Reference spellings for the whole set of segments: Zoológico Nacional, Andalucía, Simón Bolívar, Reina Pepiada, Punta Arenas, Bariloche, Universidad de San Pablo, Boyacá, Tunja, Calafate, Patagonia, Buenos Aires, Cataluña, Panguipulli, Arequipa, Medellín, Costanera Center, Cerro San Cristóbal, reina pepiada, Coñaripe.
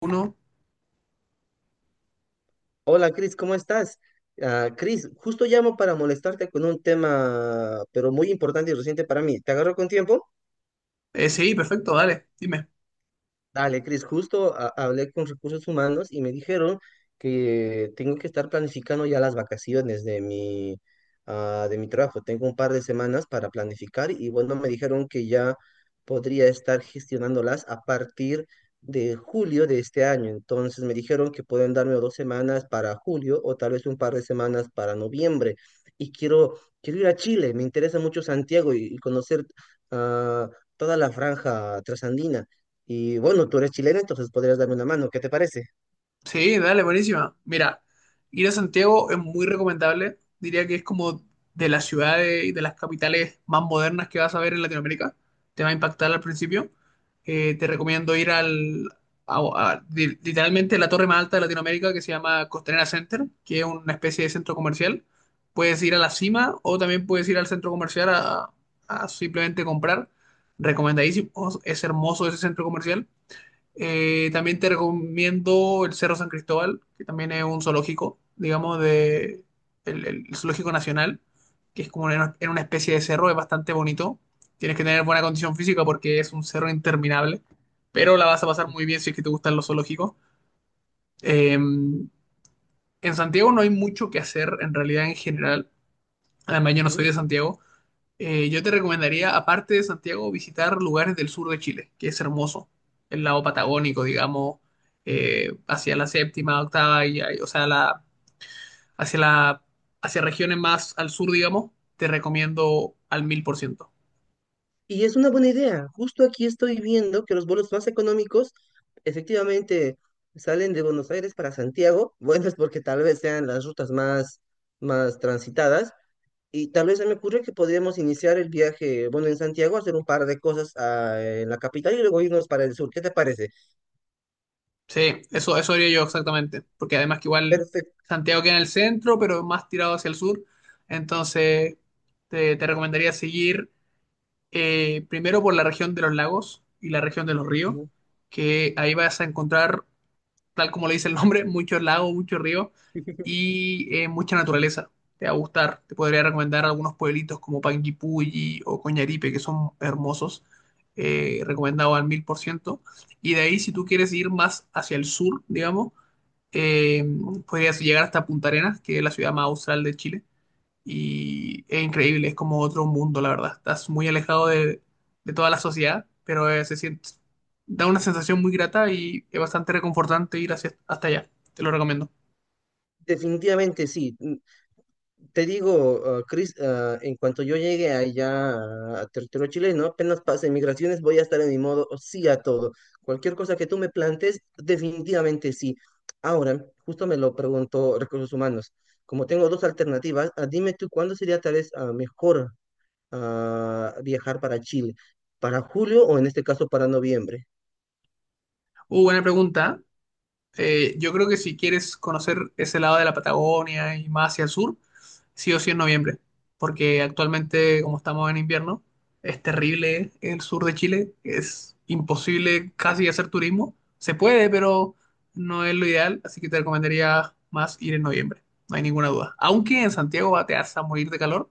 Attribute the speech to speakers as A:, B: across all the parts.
A: Uno.
B: Hola Cris, ¿cómo estás? Ah, Cris, justo llamo para molestarte con un tema, pero muy importante y reciente para mí. ¿Te agarro con tiempo?
A: Sí, perfecto, dale, dime.
B: Dale, Cris, justo hablé con recursos humanos y me dijeron que tengo que estar planificando ya las vacaciones de mi trabajo. Tengo un par de semanas para planificar y bueno, me dijeron que ya podría estar gestionándolas a partir de julio de este año. Entonces me dijeron que pueden darme 2 semanas para julio o tal vez un par de semanas para noviembre. Y quiero ir a Chile, me interesa mucho Santiago y conocer ah, toda la franja trasandina. Y bueno, tú eres chileno, entonces podrías darme una mano. ¿Qué te parece?
A: Sí, dale, buenísima. Mira, ir a Santiago es muy recomendable. Diría que es como de las ciudades y de las capitales más modernas que vas a ver en Latinoamérica. Te va a impactar al principio. Te recomiendo ir al, a- literalmente la torre más alta de Latinoamérica que se llama Costanera Center, que es una especie de centro comercial. Puedes ir a la cima o también puedes ir al centro comercial a, simplemente comprar. Recomendadísimo, es hermoso ese centro comercial. También te recomiendo el Cerro San Cristóbal, que también es un zoológico, digamos, de el Zoológico Nacional, que es como en una, especie de cerro, es bastante bonito. Tienes que tener buena condición física porque es un cerro interminable, pero la vas a pasar muy bien si es que te gustan los zoológicos. En Santiago no hay mucho que hacer, en realidad, en general. Además, yo no soy
B: Ujú.
A: de Santiago. Yo te recomendaría, aparte de Santiago, visitar lugares del sur de Chile, que es hermoso. El lado patagónico, digamos, hacia la séptima, octava, o sea, hacia la, hacia regiones más al sur, digamos, te recomiendo al 1000%.
B: Y es una buena idea. Justo aquí estoy viendo que los vuelos más económicos efectivamente salen de Buenos Aires para Santiago. Bueno, es porque tal vez sean las rutas más transitadas. Y tal vez se me ocurre que podríamos iniciar el viaje, bueno, en Santiago, hacer un par de cosas en la capital y luego irnos para el sur. ¿Qué te parece?
A: Sí, eso haría yo exactamente, porque además que igual
B: Perfecto.
A: Santiago queda en el centro, pero más tirado hacia el sur, entonces te recomendaría seguir. Primero por la región de los lagos y la región de los ríos, que ahí vas a encontrar, tal como le dice el nombre, muchos lagos, muchos ríos y mucha naturaleza. Te va a gustar. Te podría recomendar algunos pueblitos como Panguipulli o Coñaripe, que son hermosos. Recomendado al 1000%. Y de ahí, si tú quieres ir más hacia el sur, digamos, eh, podrías llegar hasta Punta Arenas, que es la ciudad más austral de Chile y es increíble, es como otro mundo, la verdad. Estás muy alejado de, toda la sociedad, pero se siente, da una sensación muy grata y es bastante reconfortante ir hasta allá. Te lo recomiendo.
B: Definitivamente sí. Te digo, Chris, en cuanto yo llegue allá a territorio chileno, apenas pase migraciones, voy a estar en mi modo sí a todo. Cualquier cosa que tú me plantes, definitivamente sí. Ahora, justo me lo preguntó Recursos Humanos. Como tengo dos alternativas, dime tú cuándo sería tal vez mejor a viajar para Chile. ¿Para julio o en este caso para noviembre?
A: Buena pregunta. Yo creo que si quieres conocer ese lado de la Patagonia y más hacia el sur, sí o sí en noviembre, porque actualmente, como estamos en invierno, es terrible el sur de Chile, es imposible casi hacer turismo. Se puede, pero no es lo ideal, así que te recomendaría más ir en noviembre, no hay ninguna duda. Aunque en Santiago te vas a morir de calor,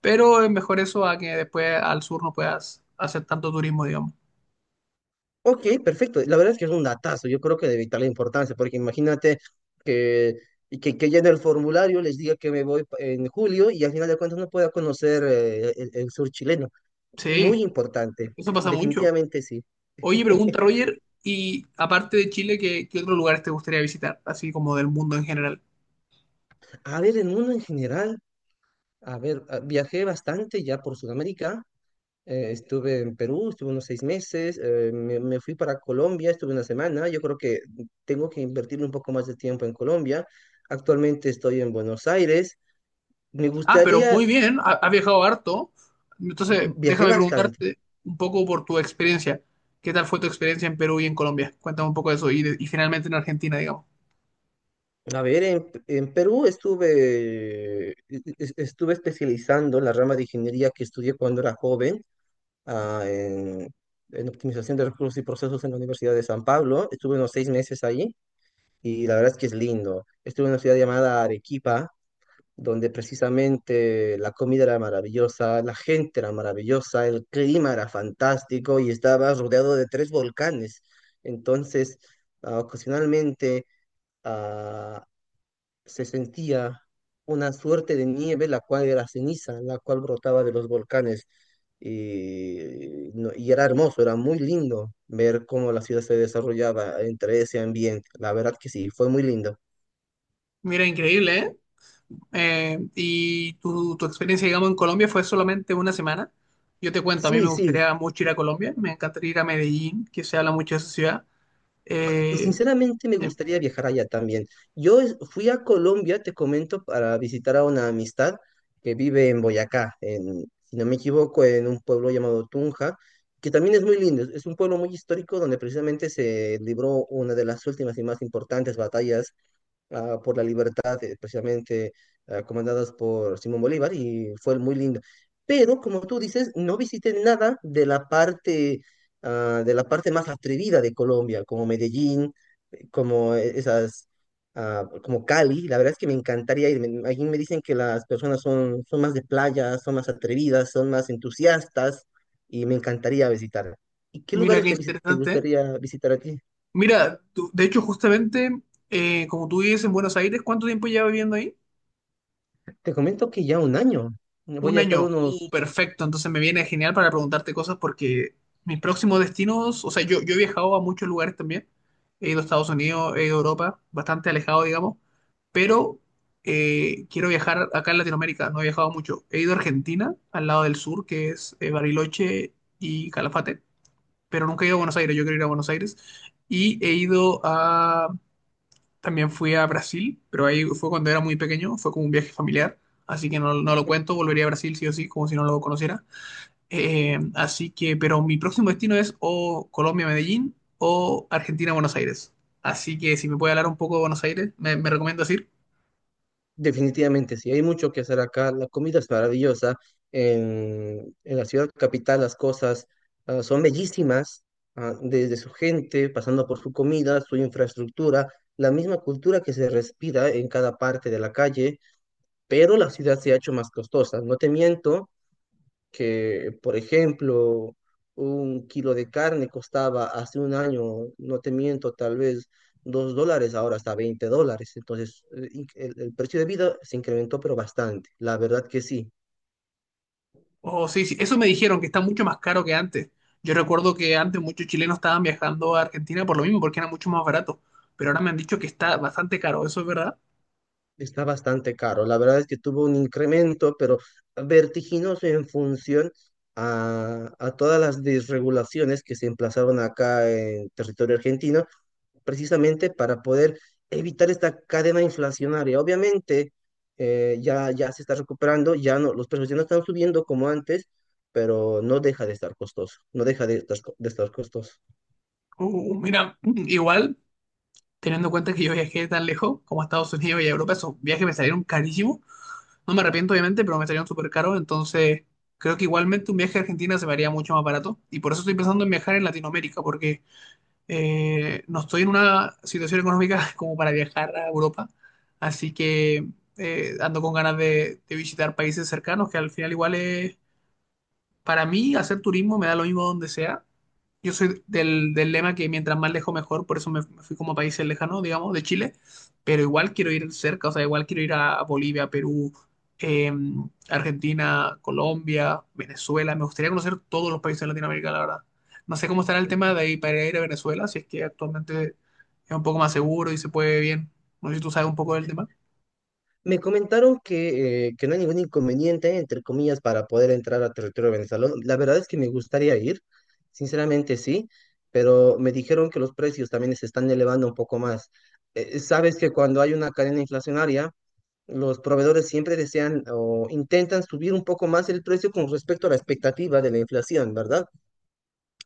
A: pero es mejor eso a que después al sur no puedas hacer tanto turismo, digamos.
B: Ok, perfecto. La verdad es que es un datazo. Yo creo que de vital importancia, porque imagínate que, que ya en el formulario les diga que me voy en julio y al final de cuentas no pueda conocer el sur chileno. Muy
A: Sí,
B: importante.
A: eso pasa mucho.
B: Definitivamente sí.
A: Oye, pregunta Roger, y aparte de Chile, ¿qué otros lugares te gustaría visitar? Así como del mundo en general.
B: A ver, el mundo en general, a ver, viajé bastante ya por Sudamérica. Estuve en Perú, estuve unos 6 meses. Me fui para Colombia, estuve una semana. Yo creo que tengo que invertir un poco más de tiempo en Colombia. Actualmente estoy en Buenos Aires, me
A: Ah, pero
B: gustaría.
A: muy bien, has viajado harto.
B: mm,
A: Entonces,
B: viajé
A: déjame
B: bastante.
A: preguntarte un poco por tu experiencia. ¿Qué tal fue tu experiencia en Perú y en Colombia? Cuéntame un poco de eso. Y finalmente en Argentina, digamos.
B: A ver, en Perú estuve, estuve especializando la rama de ingeniería que estudié cuando era joven, ah, en, en optimización de recursos y procesos en la Universidad de San Pablo. Estuve unos seis meses allí y la verdad es que es lindo. Estuve en una ciudad llamada Arequipa, donde precisamente la comida era maravillosa, la gente era maravillosa, el clima era fantástico y estaba rodeado de tres volcanes. Entonces, ocasionalmente... ah, se sentía una suerte de nieve, la cual era ceniza, la cual brotaba de los volcanes. Y, no- y era hermoso, era muy lindo ver cómo la ciudad se desarrollaba entre ese ambiente. La verdad que sí, fue muy lindo.
A: Mira, increíble, ¿eh? Y tu experiencia, digamos, en Colombia fue solamente una semana. Yo te cuento, a mí
B: Sí,
A: me
B: sí,
A: gustaría mucho ir a Colombia, me encantaría ir a Medellín, que se habla mucho de esa ciudad.
B: y
A: Eh,
B: sinceramente me
A: eh,
B: gustaría viajar allá también. Yo fui a Colombia, te comento, para visitar a una amistad que vive en Boyacá, en, si no me equivoco, en un pueblo llamado Tunja, que también es muy lindo. Es un pueblo muy histórico donde precisamente se libró una de las últimas y más importantes batallas por la libertad, precisamente comandadas por Simón Bolívar, y fue muy lindo. Pero, como tú dices, no visité nada de la parte más atrevida de Colombia, como Medellín, como esas, como Cali. La verdad es que me encantaría ir. Allí me dicen que las personas son más de playa, son más atrevidas, son más entusiastas, y me encantaría visitar. ¿Y qué
A: mira
B: lugares
A: qué
B: te
A: interesante. ¿Eh?
B: gustaría visitar a ti?
A: Mira, de hecho, justamente, como tú vives en Buenos Aires, ¿cuánto tiempo llevas viviendo ahí?
B: Te comento que ya un año. Voy
A: Un
B: a estar
A: año,
B: unos.
A: perfecto. Entonces me viene genial para preguntarte cosas porque mis próximos destinos, o sea, yo he viajado a muchos lugares también. He ido a Estados Unidos, he ido a Europa, bastante alejado, digamos. Pero quiero viajar acá en Latinoamérica, no he viajado mucho. He ido a Argentina, al lado del sur, que es Bariloche y Calafate, pero nunca he ido a Buenos Aires, yo quiero ir a Buenos Aires. Y he ido también fui a Brasil, pero ahí fue cuando era muy pequeño, fue como un viaje familiar, así que no, no lo cuento, volvería a Brasil sí o sí, como si no lo conociera. Así que, pero mi próximo destino es o Colombia, Medellín o Argentina, Buenos Aires. Así que si me puede hablar un poco de Buenos Aires, me recomiendas ir.
B: Definitivamente, sí, hay mucho que hacer acá. La comida es maravillosa. En la ciudad capital las cosas son bellísimas, desde su gente, pasando por su comida, su infraestructura, la misma cultura que se respira en cada parte de la calle, pero la ciudad se ha hecho más costosa. No te miento, que, por ejemplo, un kilo de carne costaba hace un año, no te miento, tal vez $2, ahora está $20. Entonces, el precio de vida se incrementó, pero bastante. La verdad que sí,
A: O sí, sí, eso me dijeron que está mucho más caro que antes. Yo recuerdo que antes muchos chilenos estaban viajando a Argentina por lo mismo, porque era mucho más barato, pero ahora me han dicho que está bastante caro, ¿eso es verdad?
B: está bastante caro. La verdad es que tuvo un incremento, pero vertiginoso en función a todas las desregulaciones que se emplazaron acá en territorio argentino precisamente para poder evitar esta cadena inflacionaria. Obviamente, ya se está recuperando, ya no, los precios ya no están subiendo como antes, pero no deja de estar costoso, no deja de estar, de estar costoso.
A: Mira, igual, teniendo en cuenta que yo viajé tan lejos como a Estados Unidos y a Europa, esos viajes me salieron carísimos. No me arrepiento, obviamente, pero me salieron súper caros. Entonces, creo que igualmente un viaje a Argentina se me haría mucho más barato. Y por eso estoy pensando en viajar en Latinoamérica, porque no estoy en una situación económica como para viajar a Europa. Así que ando con ganas de, visitar países cercanos, que al final igual es para mí, hacer turismo me da lo mismo donde sea. Yo soy del lema que mientras más lejos mejor, por eso me fui como a países lejanos, digamos, de Chile, pero igual quiero ir cerca, o sea, igual quiero ir a Bolivia, Perú, eh, Argentina, Colombia, Venezuela, me gustaría conocer todos los países de Latinoamérica, la verdad. No sé cómo estará el tema de ahí para ir a Venezuela, si es que actualmente es un poco más seguro y se puede bien. No sé si tú sabes un poco del tema.
B: Me comentaron que no hay ningún inconveniente, entre comillas, para poder entrar a territorio venezolano. La verdad es que me gustaría ir, sinceramente sí, pero me dijeron que los precios también se están elevando un poco más. Sabes que cuando hay una cadena inflacionaria, los proveedores siempre desean o intentan subir un poco más el precio con respecto a la expectativa de la inflación, ¿verdad?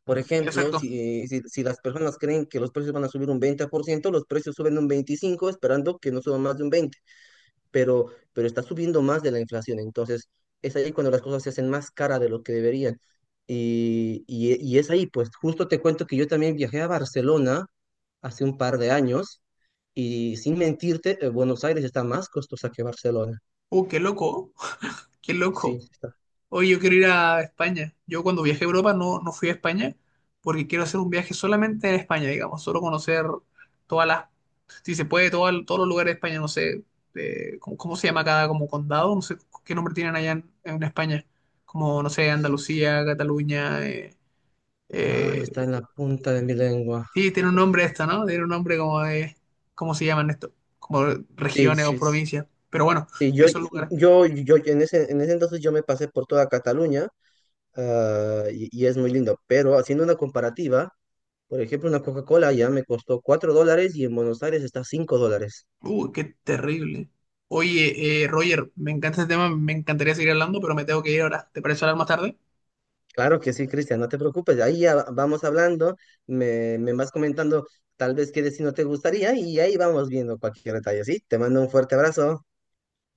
B: Por ejemplo,
A: Exacto.
B: si las personas creen que los precios van a subir un 20%, los precios suben un 25%, esperando que no suban más de un 20%, pero, pero está subiendo más de la inflación. Entonces, es ahí cuando las cosas se hacen más cara de lo que deberían. Y es ahí, pues justo te cuento que yo también viajé a Barcelona hace un par de años y sin mentirte, Buenos Aires está más costosa que Barcelona.
A: Qué loco, qué loco.
B: Sí, está.
A: Oye, yo quiero ir a España. Yo cuando viajé a Europa no, no fui a España porque quiero hacer un viaje solamente en España, digamos, solo conocer todas las, si se puede, todos los lugares de España, no sé, ¿cómo se llama cada como condado? No sé qué nombre tienen allá en, España, como, no sé, Andalucía, Cataluña.
B: Ah, está
A: Eh,
B: en la punta de mi lengua.
A: sí, tiene un
B: Este-
A: nombre esto, ¿no? Tiene un nombre como de, ¿cómo se llaman esto? Como
B: Sí,
A: regiones o
B: sí.
A: provincias. Pero bueno,
B: Sí, yo,
A: esos lugares.
B: yo, yo en ese entonces yo me pasé por toda Cataluña, y es muy lindo. Pero haciendo una comparativa, por ejemplo, una Coca-Cola ya me costó $4 y en Buenos Aires está $5.
A: Qué terrible. Oye, Roger, me encanta este tema, me encantaría seguir hablando, pero me tengo que ir ahora. ¿Te parece hablar más tarde?
B: Claro que sí, Cristian, no te preocupes. Ahí ya vamos hablando, me vas comentando tal vez qué destino te gustaría y ahí vamos viendo cualquier detalle, ¿sí? Te mando un fuerte abrazo.